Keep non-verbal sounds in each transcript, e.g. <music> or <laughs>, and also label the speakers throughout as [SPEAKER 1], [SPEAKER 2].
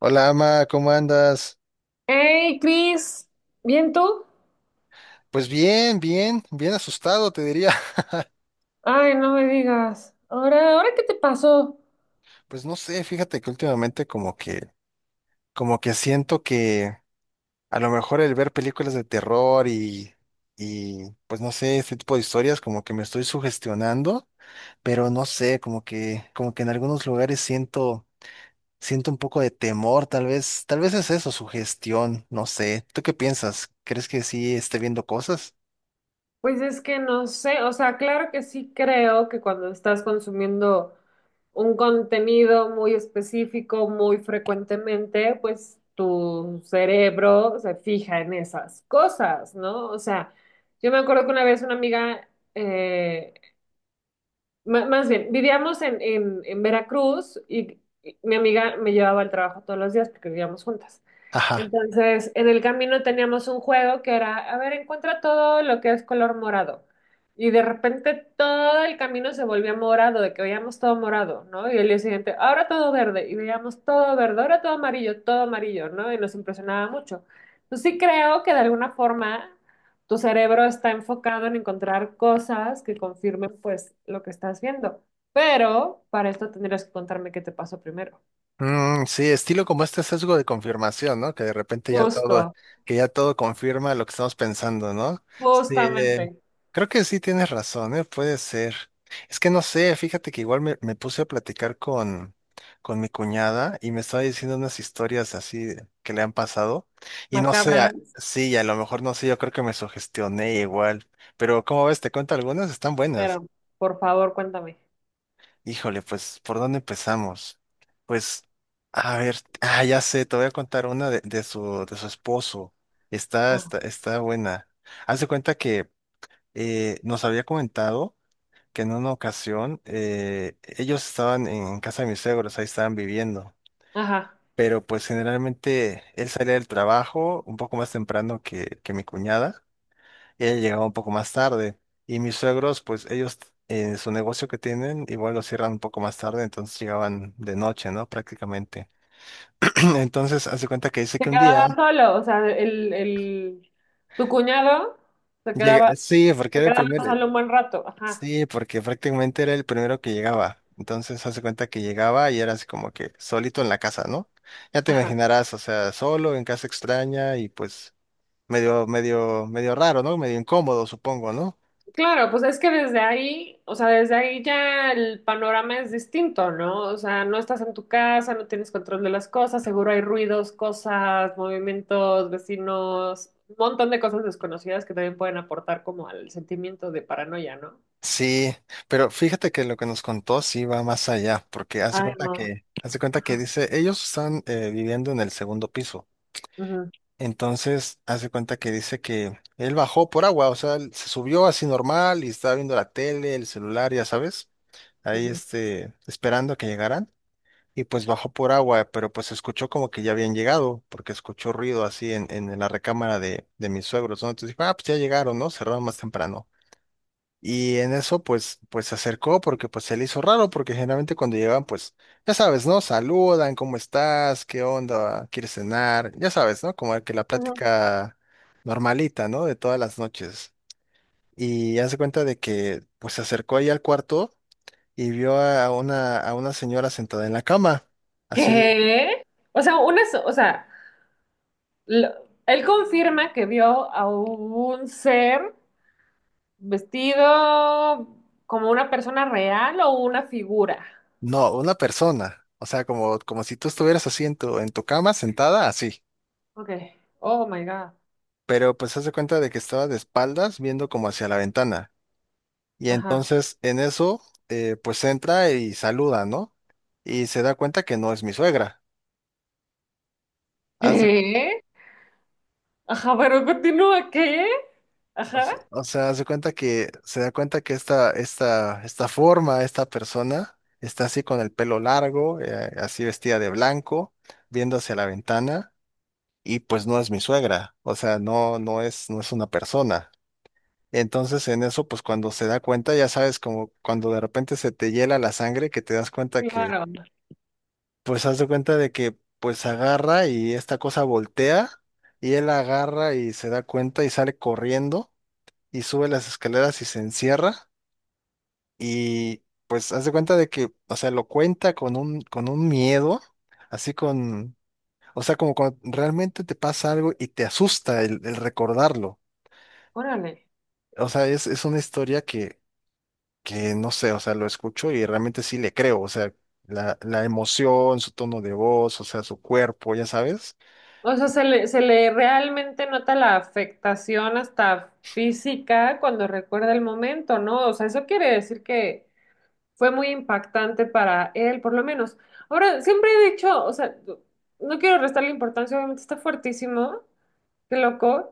[SPEAKER 1] Hola, Ama, ¿cómo andas?
[SPEAKER 2] Hey, Cris, ¿bien tú?
[SPEAKER 1] Pues bien, bien, bien asustado, te diría. <laughs>
[SPEAKER 2] Ay, no me digas. Ahora, ¿ahora qué te pasó?
[SPEAKER 1] Pues no sé, fíjate que últimamente como que siento que a lo mejor el ver películas de terror y pues no sé, este tipo de historias como que me estoy sugestionando, pero no sé, como que en algunos lugares siento un poco de temor, tal vez es eso, sugestión, no sé. ¿Tú qué piensas? ¿Crees que sí esté viendo cosas?
[SPEAKER 2] Pues es que no sé, o sea, claro que sí creo que cuando estás consumiendo un contenido muy específico, muy frecuentemente, pues tu cerebro se fija en esas cosas, ¿no? O sea, yo me acuerdo que una vez una amiga eh, más bien, vivíamos en Veracruz y mi amiga me llevaba al trabajo todos los días porque vivíamos juntas.
[SPEAKER 1] Ajá.
[SPEAKER 2] Entonces, en el camino teníamos un juego que era, a ver, encuentra todo lo que es color morado. Y de repente todo el camino se volvía morado, de que veíamos todo morado, ¿no? Y el día siguiente, ahora todo verde, y veíamos todo verde, ahora todo amarillo, ¿no? Y nos impresionaba mucho. Entonces sí creo que de alguna forma tu cerebro está enfocado en encontrar cosas que confirmen pues lo que estás viendo. Pero para esto tendrías que contarme qué te pasó primero.
[SPEAKER 1] Mm, sí, estilo como este sesgo de confirmación, ¿no? Que de repente ya todo,
[SPEAKER 2] Justo,
[SPEAKER 1] que ya todo confirma lo que estamos pensando, ¿no? Sí,
[SPEAKER 2] justamente,
[SPEAKER 1] creo que sí tienes razón, ¿eh? Puede ser. Es que no sé, fíjate que igual me puse a platicar con mi cuñada y me estaba diciendo unas historias así que le han pasado. Y no sé,
[SPEAKER 2] macabras,
[SPEAKER 1] sí, a lo mejor no sé, yo creo que me sugestioné igual. Pero, ¿cómo ves? Te cuento algunas, están buenas.
[SPEAKER 2] pero por favor cuéntame.
[SPEAKER 1] Híjole, pues, ¿por dónde empezamos? Pues, a ver, ah, ya sé, te voy a contar una de su esposo. Está,
[SPEAKER 2] Ah,
[SPEAKER 1] está, está buena. Haz de cuenta que nos había comentado que en una ocasión ellos estaban en casa de mis suegros, ahí estaban viviendo.
[SPEAKER 2] ajá.
[SPEAKER 1] Pero pues generalmente él salía del trabajo un poco más temprano que mi cuñada. Ella llegaba un poco más tarde. Y mis suegros, pues ellos, su negocio que tienen, igual lo cierran un poco más tarde, entonces llegaban de noche, ¿no? Prácticamente. <clears throat> Entonces, hace cuenta que dice que
[SPEAKER 2] Se
[SPEAKER 1] un día
[SPEAKER 2] quedaba solo, o sea, tu cuñado se
[SPEAKER 1] llega,
[SPEAKER 2] quedaba,
[SPEAKER 1] sí, porque
[SPEAKER 2] se
[SPEAKER 1] era el
[SPEAKER 2] quedaba
[SPEAKER 1] primero,
[SPEAKER 2] solo un buen rato. Ajá,
[SPEAKER 1] sí, porque prácticamente era el primero que llegaba. Entonces, hace cuenta que llegaba y era así como que solito en la casa, ¿no? Ya te
[SPEAKER 2] ajá.
[SPEAKER 1] imaginarás, o sea, solo en casa extraña y pues medio, medio, medio raro, ¿no? Medio incómodo, supongo, ¿no?
[SPEAKER 2] Claro, pues es que desde ahí, o sea, desde ahí ya el panorama es distinto, ¿no? O sea, no estás en tu casa, no tienes control de las cosas, seguro hay ruidos, cosas, movimientos, vecinos, un montón de cosas desconocidas que también pueden aportar como al sentimiento de paranoia, ¿no?
[SPEAKER 1] Sí, pero fíjate que lo que nos contó sí va más allá, porque hace
[SPEAKER 2] Ay,
[SPEAKER 1] cuenta
[SPEAKER 2] no.
[SPEAKER 1] que, hace cuenta que
[SPEAKER 2] Ajá.
[SPEAKER 1] dice, ellos están viviendo en el segundo piso.
[SPEAKER 2] Ujú,
[SPEAKER 1] Entonces, hace cuenta que dice que él bajó por agua, o sea, él se subió así normal y estaba viendo la tele, el celular, ya sabes, ahí
[SPEAKER 2] ujú,
[SPEAKER 1] esperando a que llegaran. Y pues bajó por agua, pero pues escuchó como que ya habían llegado, porque escuchó ruido así en la recámara de mis suegros, ¿no? Entonces dijo, ah, pues ya llegaron, ¿no? Cerraron más temprano. Y en eso, pues se acercó porque pues se le hizo raro, porque generalmente cuando llegan, pues, ya sabes, ¿no? Saludan, ¿cómo estás? ¿Qué onda? ¿Quieres cenar? Ya sabes, ¿no? Como que la
[SPEAKER 2] ujú.
[SPEAKER 1] plática normalita, ¿no? De todas las noches. Y hace cuenta de que, pues, se acercó ahí al cuarto y vio a una señora sentada en la cama. Así,
[SPEAKER 2] ¿Qué? O sea, o sea, lo- él confirma que vio a un ser. Vestido como una persona real o una figura.
[SPEAKER 1] no, una persona. O sea, como si tú estuvieras así en tu cama, sentada, así.
[SPEAKER 2] Ok. Oh my God.
[SPEAKER 1] Pero pues hace cuenta de que estaba de espaldas viendo como hacia la ventana. Y
[SPEAKER 2] Ajá.
[SPEAKER 1] entonces en eso, pues entra y saluda, ¿no? Y se da cuenta que no es mi suegra. Haz de-
[SPEAKER 2] ¿Qué? Ajá, pero continúa, ¿qué? Ajá.
[SPEAKER 1] o sea, hace cuenta que se da cuenta que esta forma, esta persona, está así con el pelo largo, así vestida de blanco, viendo hacia la ventana, y pues no es mi suegra. O sea, no, no es una persona. Entonces en eso, pues cuando se da cuenta, ya sabes, como cuando de repente se te hiela la sangre, que te das cuenta
[SPEAKER 2] Claro.
[SPEAKER 1] pues haz de cuenta de que pues agarra y esta cosa voltea y él agarra y se da cuenta y sale corriendo y sube las escaleras y se encierra y pues haz de cuenta de que, o sea, lo cuenta con un miedo, así con, o sea, como cuando realmente te pasa algo y te asusta el recordarlo.
[SPEAKER 2] Órale.
[SPEAKER 1] O sea, es una historia que no sé, o sea, lo escucho y realmente sí le creo, o sea, la emoción, su tono de voz, o sea, su cuerpo, ya sabes.
[SPEAKER 2] O sea, se le realmente nota la afectación hasta física cuando recuerda el momento, ¿no? O sea, eso quiere decir que fue muy impactante para él, por lo menos. Ahora, siempre he dicho, o sea, no quiero restarle importancia, obviamente está fuertísimo, qué loco.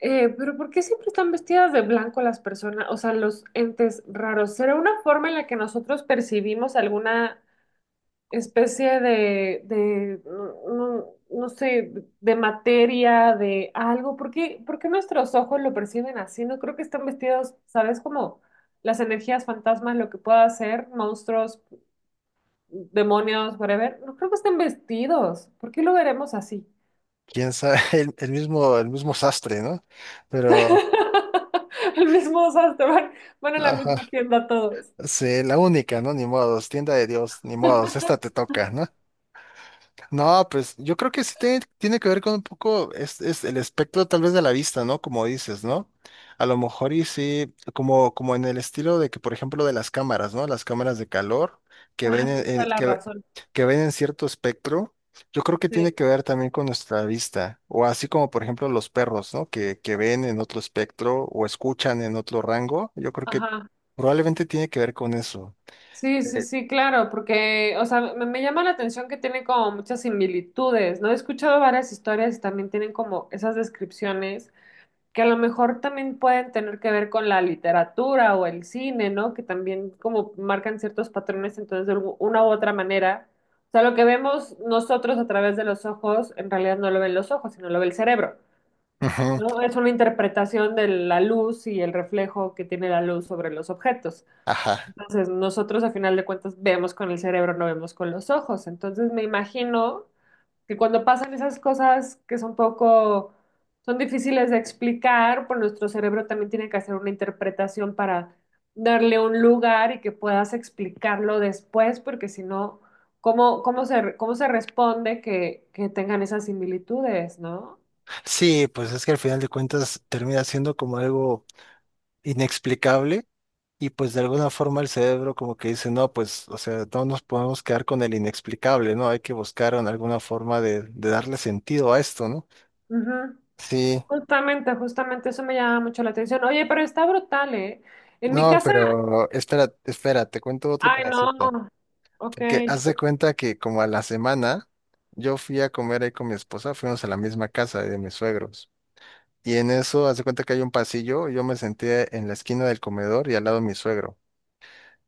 [SPEAKER 2] Pero ¿por qué siempre están vestidas de blanco las personas, o sea, los entes raros? ¿Será una forma en la que nosotros percibimos alguna especie no sé, de materia, de algo? Por qué nuestros ojos lo perciben así? No creo que están vestidos, ¿sabes? Como las energías fantasmas, lo que pueda ser, monstruos, demonios, whatever. No creo que estén vestidos. ¿Por qué lo veremos así?
[SPEAKER 1] Quién sabe, <laughs> el mismo sastre, ¿no? Pero,
[SPEAKER 2] <laughs> El mismo, o sea, te van, van a la
[SPEAKER 1] ajá,
[SPEAKER 2] misma tienda todos.
[SPEAKER 1] sí, la única, ¿no? Ni modos, tienda de Dios, ni modos, esta te toca, ¿no? No, pues yo creo que sí tiene que ver con un poco es el espectro tal vez de la vista, ¿no? Como dices, ¿no? A lo mejor y sí, como en el estilo de que, por ejemplo, de las cámaras, ¿no? Las cámaras de calor que
[SPEAKER 2] Ah,
[SPEAKER 1] ven en,
[SPEAKER 2] tienes toda
[SPEAKER 1] en-
[SPEAKER 2] la
[SPEAKER 1] que,
[SPEAKER 2] razón.
[SPEAKER 1] que ven en cierto espectro, yo creo que
[SPEAKER 2] Sí,
[SPEAKER 1] tiene que ver también con nuestra vista, o así como, por ejemplo, los perros, ¿no? Que ven en otro espectro o escuchan en otro rango, yo creo que
[SPEAKER 2] ajá.
[SPEAKER 1] probablemente tiene que ver con eso.
[SPEAKER 2] Sí, sí,
[SPEAKER 1] Eh,
[SPEAKER 2] sí, claro, porque, o sea, me llama la atención que tiene como muchas similitudes, ¿no? He escuchado varias historias y también tienen como esas descripciones que a lo mejor también pueden tener que ver con la literatura o el cine, ¿no? Que también como marcan ciertos patrones, entonces una u otra manera. O sea, lo que vemos nosotros a través de los ojos, en realidad no lo ven los ojos, sino lo ve el cerebro.
[SPEAKER 1] Ujú,
[SPEAKER 2] ¿No? Es una interpretación de la luz y el reflejo que tiene la luz sobre los objetos.
[SPEAKER 1] Ajá.
[SPEAKER 2] Entonces, nosotros a final de cuentas vemos con el cerebro, no vemos con los ojos. Entonces, me imagino que cuando pasan esas cosas que son poco, son difíciles de explicar, pues nuestro cerebro también tiene que hacer una interpretación para darle un lugar y que puedas explicarlo después, porque si no, ¿cómo, cómo se responde que tengan esas similitudes, ¿no?
[SPEAKER 1] Sí, pues es que al final de cuentas termina siendo como algo inexplicable y pues de alguna forma el cerebro como que dice, no, pues, o sea, no nos podemos quedar con el inexplicable, ¿no? Hay que buscar en alguna forma de darle sentido a esto, ¿no?
[SPEAKER 2] Ujú.
[SPEAKER 1] Sí,
[SPEAKER 2] Justamente, justamente eso me llama mucho la atención. Oye, pero está brutal, ¿eh? En mi
[SPEAKER 1] no,
[SPEAKER 2] casa,
[SPEAKER 1] pero espera, espera, te cuento otro
[SPEAKER 2] ay, no.
[SPEAKER 1] pedacito.
[SPEAKER 2] Ok.
[SPEAKER 1] Que haz de cuenta que como a la semana yo fui a comer ahí con mi esposa, fuimos a la misma casa de mis suegros. Y en eso, haz de cuenta que hay un pasillo, yo me senté en la esquina del comedor y al lado de mi suegro.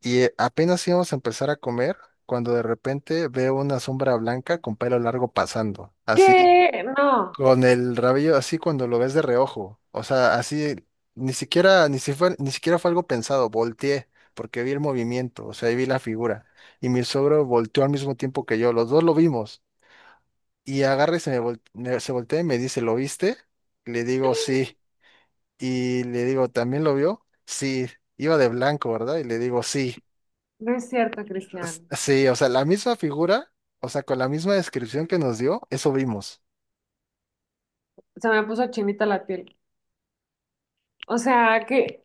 [SPEAKER 1] Y apenas íbamos a empezar a comer cuando de repente veo una sombra blanca con pelo largo pasando, así
[SPEAKER 2] ¿Qué? No,
[SPEAKER 1] con el rabillo, así cuando lo ves de reojo, o sea, así ni siquiera fue algo pensado, volteé porque vi el movimiento, o sea, ahí vi la figura y mi suegro volteó al mismo tiempo que yo, los dos lo vimos y agarra y se voltea y me dice, ¿lo viste? Le digo sí y le digo, ¿también lo vio? Sí, iba de blanco, ¿verdad? Y le digo sí.
[SPEAKER 2] no es cierto, Cristian.
[SPEAKER 1] Sí, o sea, la misma figura, o sea, con la misma descripción que nos dio, eso vimos.
[SPEAKER 2] Se me puso chinita la piel. O sea, que...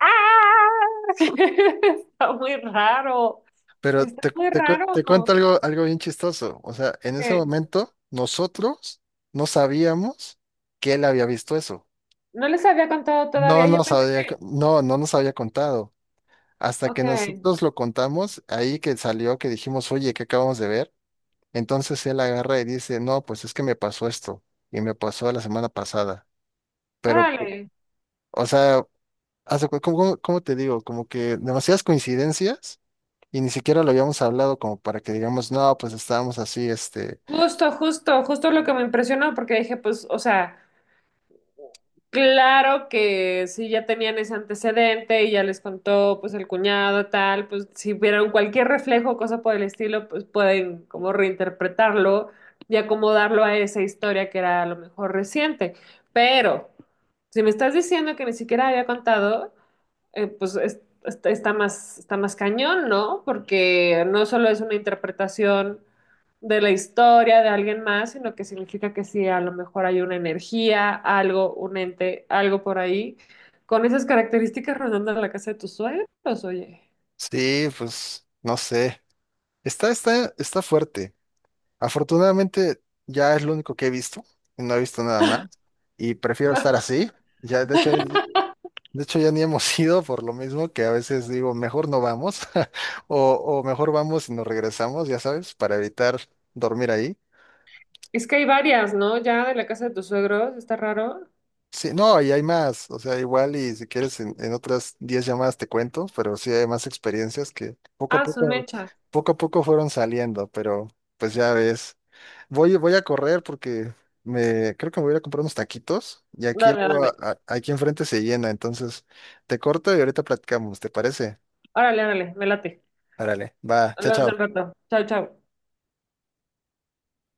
[SPEAKER 2] ¡Ah! <laughs> Está muy raro.
[SPEAKER 1] Pero
[SPEAKER 2] Está
[SPEAKER 1] te,
[SPEAKER 2] muy
[SPEAKER 1] te cu- te cuento
[SPEAKER 2] raro.
[SPEAKER 1] algo, bien chistoso. O sea, en ese
[SPEAKER 2] ¿Qué?
[SPEAKER 1] momento nosotros no sabíamos que él había visto eso.
[SPEAKER 2] No les había contado
[SPEAKER 1] No
[SPEAKER 2] todavía. Yo
[SPEAKER 1] nos
[SPEAKER 2] pensé
[SPEAKER 1] había, co-
[SPEAKER 2] que...
[SPEAKER 1] no, no, nos había contado. Hasta que
[SPEAKER 2] Ok.
[SPEAKER 1] nosotros lo contamos, ahí que salió, que dijimos, oye, ¿qué acabamos de ver? Entonces él agarra y dice, no, pues es que me pasó esto y me pasó la semana pasada. Pero,
[SPEAKER 2] Órale.
[SPEAKER 1] o sea, ¿cómo te digo? Como que demasiadas coincidencias y ni siquiera lo habíamos hablado como para que digamos, no, pues estábamos así,
[SPEAKER 2] Justo, justo, justo lo que me impresionó porque dije, pues, o sea... Claro que si ya tenían ese antecedente y ya les contó pues el cuñado tal, pues si vieron cualquier reflejo o cosa por el estilo, pues pueden como reinterpretarlo y acomodarlo a esa historia que era a lo mejor reciente. Pero si me estás diciendo que ni siquiera había contado, pues está, está más cañón, ¿no? Porque no solo es una interpretación de la historia de alguien más, sino que significa que sí, a lo mejor hay una energía, algo, un ente, algo por ahí, con esas características rondando la casa de tus suegros, oye.
[SPEAKER 1] sí, pues no sé. Está fuerte. Afortunadamente ya es lo único que he visto, y no he visto nada más y prefiero estar así. Ya, de hecho ya ni hemos <laughs> ido por lo mismo que a veces digo, mejor no vamos <laughs> o mejor vamos y nos regresamos, ya sabes, para evitar dormir ahí.
[SPEAKER 2] Es que hay varias, ¿no? Ya de la casa de tus suegros, está raro.
[SPEAKER 1] Sí, no, y hay más, o sea, igual y si quieres en otras 10 llamadas te cuento, pero sí hay más experiencias que
[SPEAKER 2] Ah, son mecha.
[SPEAKER 1] poco a poco fueron saliendo, pero pues ya ves, voy a correr porque creo que me voy a ir a comprar unos taquitos y aquí
[SPEAKER 2] Dale,
[SPEAKER 1] luego
[SPEAKER 2] dale.
[SPEAKER 1] aquí enfrente se llena, entonces te corto y ahorita platicamos, ¿te parece?
[SPEAKER 2] Órale, órale, me late.
[SPEAKER 1] Árale, va, chao,
[SPEAKER 2] Hablamos del
[SPEAKER 1] chao.
[SPEAKER 2] rato. Chao, chao.